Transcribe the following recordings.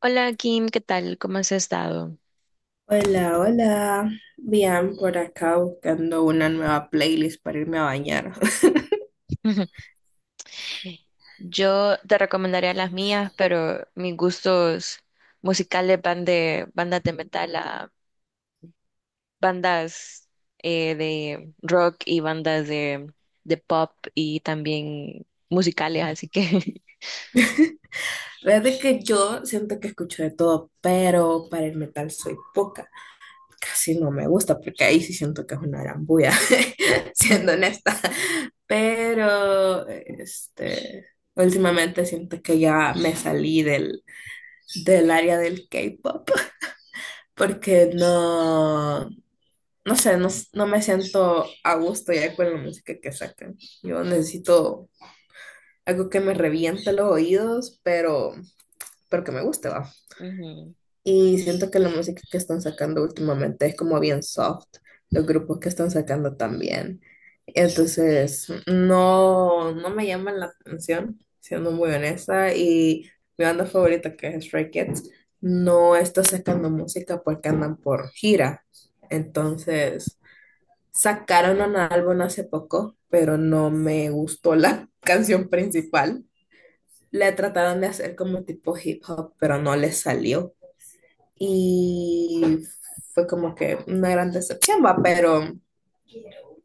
Hola Kim, ¿qué tal? ¿Cómo has estado? Hola, hola. Bien, por acá buscando una nueva playlist para irme a bañar. Yo te recomendaría las mías, pero mis gustos musicales van de bandas de metal a bandas de rock y bandas de pop y también musicales, así que... La verdad que yo siento que escucho de todo, pero para el metal soy poca. Casi no me gusta porque ahí sí siento que es una arambulla, siendo honesta. Pero, este, últimamente siento que ya me salí del área del K-pop porque no sé, no me siento a gusto ya con la música que sacan. Yo necesito algo que me reviente los oídos, pero que me guste, va. Ujú. Y siento que la música que están sacando últimamente es como bien soft, los grupos que están sacando también. Entonces, no me llaman la atención, siendo muy honesta, y mi banda favorita que es Stray Kids no está sacando música porque andan por gira. Entonces, sacaron un álbum hace poco, pero no me gustó la canción principal. Le trataron de hacer como tipo hip hop, pero no les salió. Y fue como que una gran decepción, va,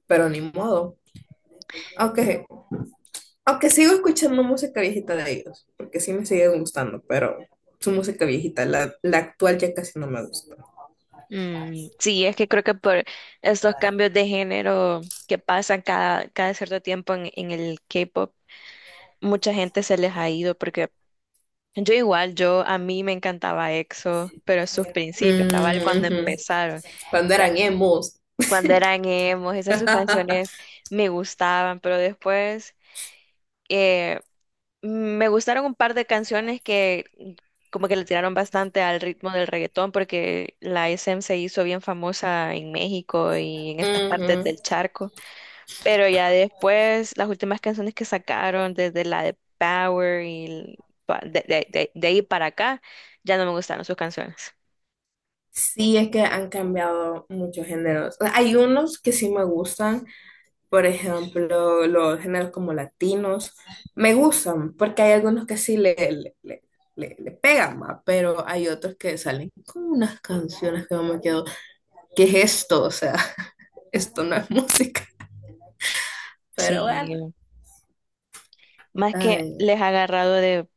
pero ni modo. Aunque, aunque sigo escuchando música viejita de ellos, porque sí me sigue gustando, pero su música viejita, la actual ya casi no me gusta. Mm, sí, es que creo que por estos cambios de género que pasan cada cierto tiempo en el K-pop, mucha gente se les ha ido porque yo igual, yo a mí me encantaba EXO, pero sus principios, cabal, Mm, cuando ujú. empezaron, Cuando la- eran emos. cuando eran emos, esas sus canciones me gustaban, pero después eh, me gustaron un par de canciones que como que le tiraron bastante al ritmo del reggaetón, porque la SM se hizo bien famosa en México y en estas partes Ujú. del charco. Pero ya después, las últimas canciones que sacaron, desde la de Power y de ahí para acá, ya no me gustaron sus canciones. Sí, es que han cambiado muchos géneros. O sea, hay unos que sí me gustan, por ejemplo, los géneros como latinos, me gustan porque hay algunos que sí le pegan más, pero hay otros que salen con unas canciones que yo me quedo, ¿qué es esto? O sea, esto no es música, pero bueno. Sí, más que Ay, les ha agarrado de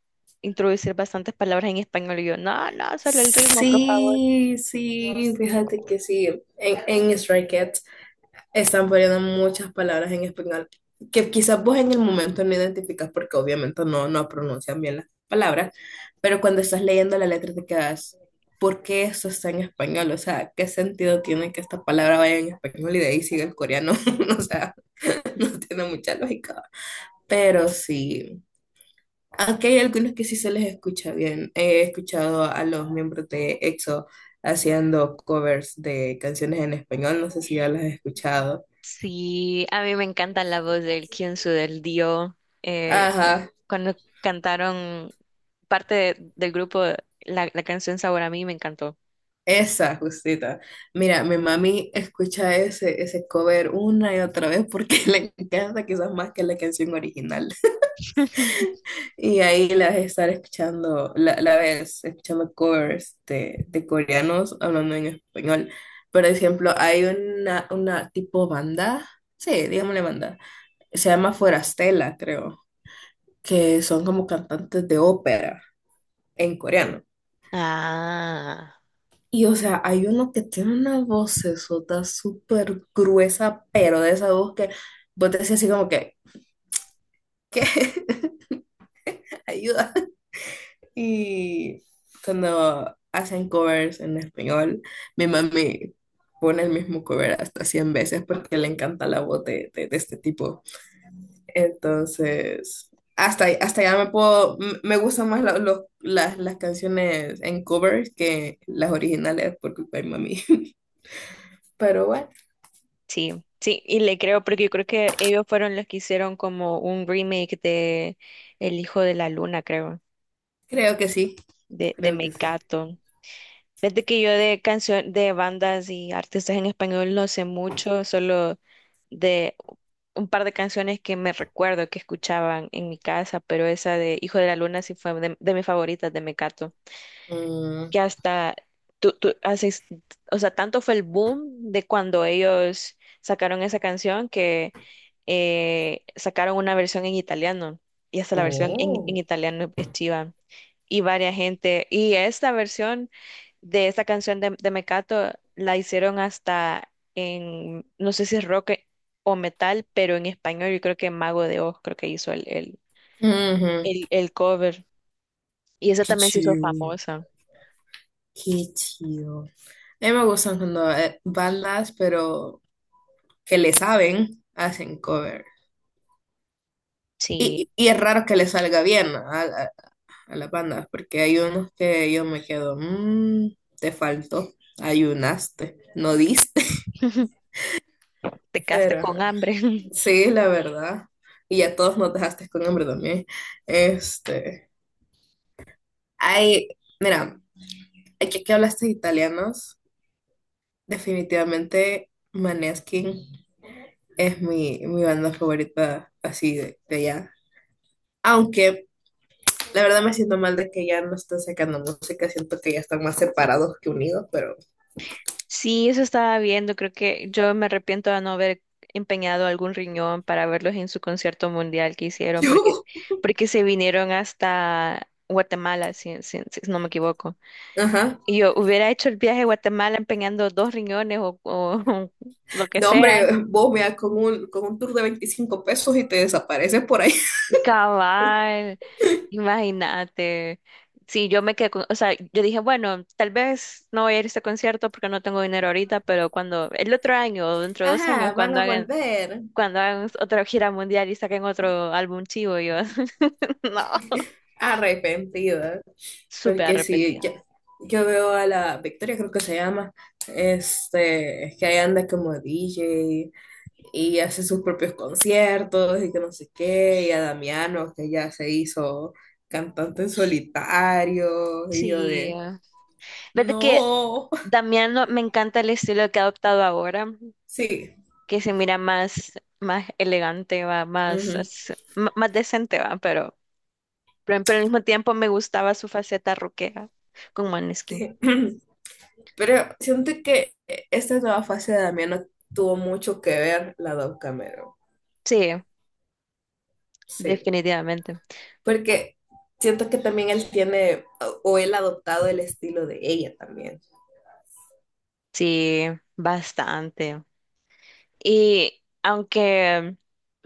introducir bastantes palabras en español y yo, no, no, solo el ritmo, por favor. Sí, fíjate que sí, en Stray Kids están poniendo muchas palabras en español que quizás vos en el momento no identificas porque obviamente no pronuncian bien las palabras, pero cuando estás leyendo la letra te quedas, ¿por qué eso está en español? O sea, ¿qué sentido tiene que esta palabra vaya en español y de ahí siga el coreano? O sea, no tiene mucha lógica. Pero sí, aunque hay algunos que sí se les escucha bien. He escuchado a los miembros de EXO haciendo covers de canciones en español, no sé si ya las has escuchado. Sí, a mí me encanta la voz del Kyunsu, del Dio. Eh, Ajá, cuando cantaron parte del grupo, la canción Sabor a mí me encantó. esa, justita. Mira, mi mami escucha ese cover una y otra vez porque le encanta quizás más que la canción original. Y ahí la ves estar escuchando, la ves escuchando covers de coreanos hablando en español. Por ejemplo, hay una tipo banda, sí, digámosle banda, se llama Forastela, creo, que son como cantantes de ópera en coreano. Ah. Y o sea, hay uno que tiene una vocesota súper gruesa, pero de esa voz que vos decís así como que, ¿qué? Ayuda. Y cuando hacen covers en español, mi mami pone el mismo cover hasta 100 veces porque le encanta la voz de este tipo. Entonces, hasta ya me puedo, me gustan más las canciones en covers que las originales por culpa de mami. Pero bueno, Sí, sí, y le creo porque yo creo que ellos fueron los que hicieron como un remake de El Hijo de la Luna, creo, creo que sí. De Creo que sí. Mecato. Desde que yo de canción, de bandas y artistas en español no sé mucho, solo de un par de canciones que me recuerdo que escuchaban en mi casa, pero esa de Hijo de la Luna sí fue de mis favoritas de Mecato. Mm, Que hasta tú haces, o sea, tanto fue el boom de cuando ellos sacaron esa canción que sacaron una versión en italiano y hasta la versión en oh, italiano es chiva y varias gente y esta versión de esta canción de Mecato la hicieron hasta en, no sé si es rock o metal, pero en español yo creo que Mago de Oz creo que hizo ujú, el cover y esa qué también se hizo chido, famosa. qué chido. A mí me gustan cuando bandas, pero que le saben, hacen cover. Sí. Y es raro que le salga bien a las bandas, porque hay unos que yo me quedo, "Mm, te faltó, ayunaste, no diste". Te quedaste Pero con ajá, hambre. sí, la verdad. Y a todos nos dejaste con hambre también. Este, hay, mira, aquí que hablaste de italianos. Definitivamente Maneskin es mi banda favorita así de allá. Aunque la verdad me siento mal de que ya no están sacando música, siento que ya están más separados que unidos, pero Sí, eso estaba viendo. Creo que yo me arrepiento de no haber empeñado algún riñón para verlos en su concierto mundial que hicieron, porque yo, porque se vinieron hasta Guatemala, si no me equivoco. ajá. Y yo hubiera hecho el viaje a Guatemala empeñando dos riñones o lo que No, sea. hombre, vos veas con un tour de 25 pesos y te desapareces por ahí. Cabal, imagínate. Sí, yo me quedé con, o sea, yo dije, bueno, tal vez no voy a ir a este concierto porque no tengo dinero ahorita, pero cuando, el otro año o dentro de dos años, Ajá, van a volver cuando hagan otra gira mundial y saquen otro álbum chivo, yo, no, arrepentidos. súper Porque sí, arrepentida. Yo veo a la Victoria, creo que se llama, este, que ahí anda como DJ y hace sus propios conciertos y que no sé qué, y a Damiano, que ya se hizo cantante en solitario, y yo Sí, de, verdad que no, Damiano me encanta el estilo que ha adoptado ahora, sí, que se mira más, más elegante, va, más, ujú, más decente, va, pero pero al mismo tiempo me gustaba su faceta rockera con Maneskin. sí. Pero siento que esta nueva fase de Damiano tuvo mucho que ver la Dove Cameron, Sí, sí. definitivamente. Porque siento que también él tiene, o él ha adoptado el estilo de ella también. Sí, bastante. Y aunque,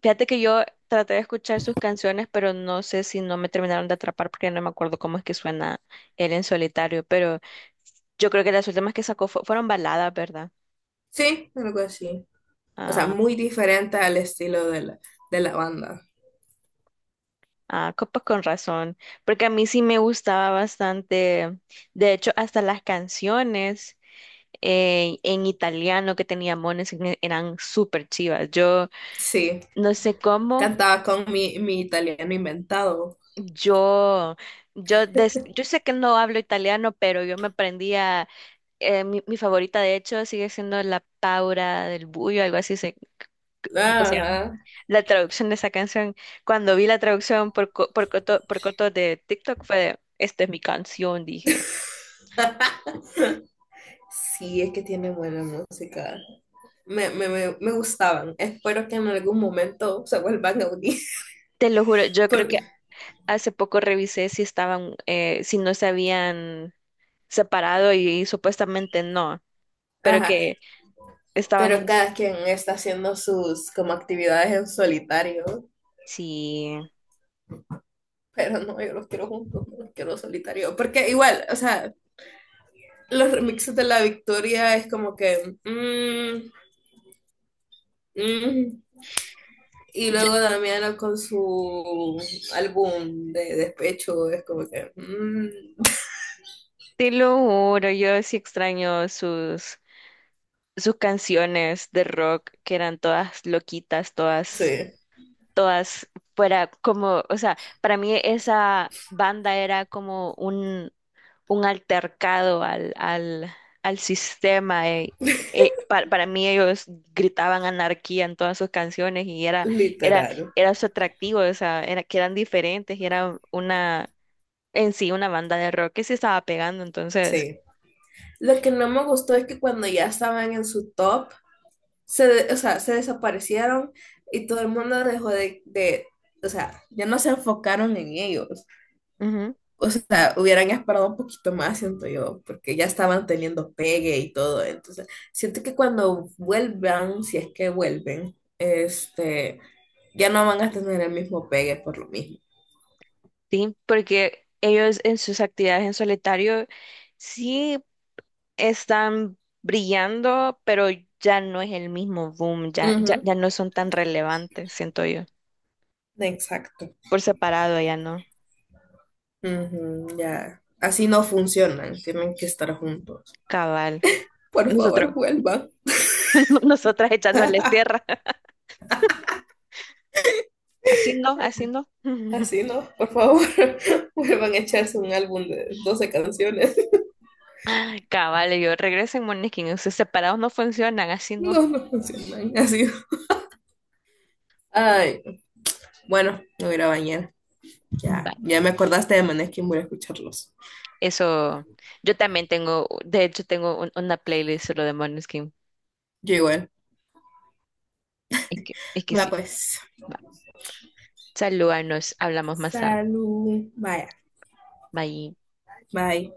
fíjate que yo traté de escuchar sus canciones, pero no sé si no me terminaron de atrapar porque no me acuerdo cómo es que suena él en solitario, pero yo creo que las últimas que sacó fueron baladas, ¿verdad? Sí, algo así. O sea, Ah, muy diferente al estilo de de la banda. ah, pues con razón, porque a mí sí me gustaba bastante, de hecho, hasta las canciones. En italiano que tenía mones eran súper chivas. Yo Sí, no sé cómo, cantaba con mi italiano inventado. yo, yo sé que no hablo italiano, pero yo me aprendía, mi favorita de hecho sigue siendo la Paura del Buio, algo así se, creo que se llama. Ajá. La traducción de esa canción, cuando vi la traducción coto, por coto de TikTok fue de, esta es mi canción, dije. Sí, es que tiene buena música. Me gustaban. Espero que en algún momento se vuelvan a unir. Te lo juro, yo creo Por- que hace poco revisé si estaban, si no sabían separado y, supuestamente no, pero ajá. que estaban Pero en... cada quien está haciendo sus como actividades en solitario. Sí, Pero no, yo los quiero juntos, no los quiero solitario. Porque igual, o sea, los remixes de La Victoria es como que mm, mm. Y luego yo Damiana con su álbum de despecho es como que mm, te lo juro, yo sí extraño sus, sus canciones de rock que eran todas loquitas, sí, todas, todas fuera como, o sea, para mí esa banda era como un altercado al sistema. Para mí ellos gritaban anarquía en todas sus canciones y era, era, literal. era su atractivo, o sea, era, que eran diferentes y era una, en sí, una banda de rock que se estaba pegando, entonces, Sí. Lo que no me gustó es que cuando ya estaban en su top, se, o sea, se desaparecieron y todo el mundo dejó de. O sea, ya no se enfocaron en ellos. ujú, O sea, hubieran esperado un poquito más, siento yo, porque ya estaban teniendo pegue y todo. Entonces, siento que cuando vuelvan, si es que vuelven, este, ya no van a tener el mismo pegue por lo mismo. sí, porque ellos en sus actividades en solitario sí están brillando, pero ya no es el mismo boom, Ujú, ya no son tan relevantes, siento yo. exacto. Por separado ya no. Ujú, ya. Así no funcionan, tienen que estar juntos. Cabal. Por Nosotros, favor, vuelvan. nosotras echándoles tierra, haciendo, haciendo. Así no, por favor, vuelvan a echarse un álbum de 12 canciones. Cabal, y yo regresen, Moniquín. Ustedes separados no funcionan, así no. No, no funcionan así. Ay, bueno, me voy a ir a bañar. Va. Ya, ya me acordaste de Maneskin, voy a escucharlos. Eso, yo también tengo, de hecho, tengo una playlist solo de Måneskin. Yo igual. Es que Va sí. pues. Va. Salúdanos, hablamos más tarde. Salud. Vaya. Bye. Bye.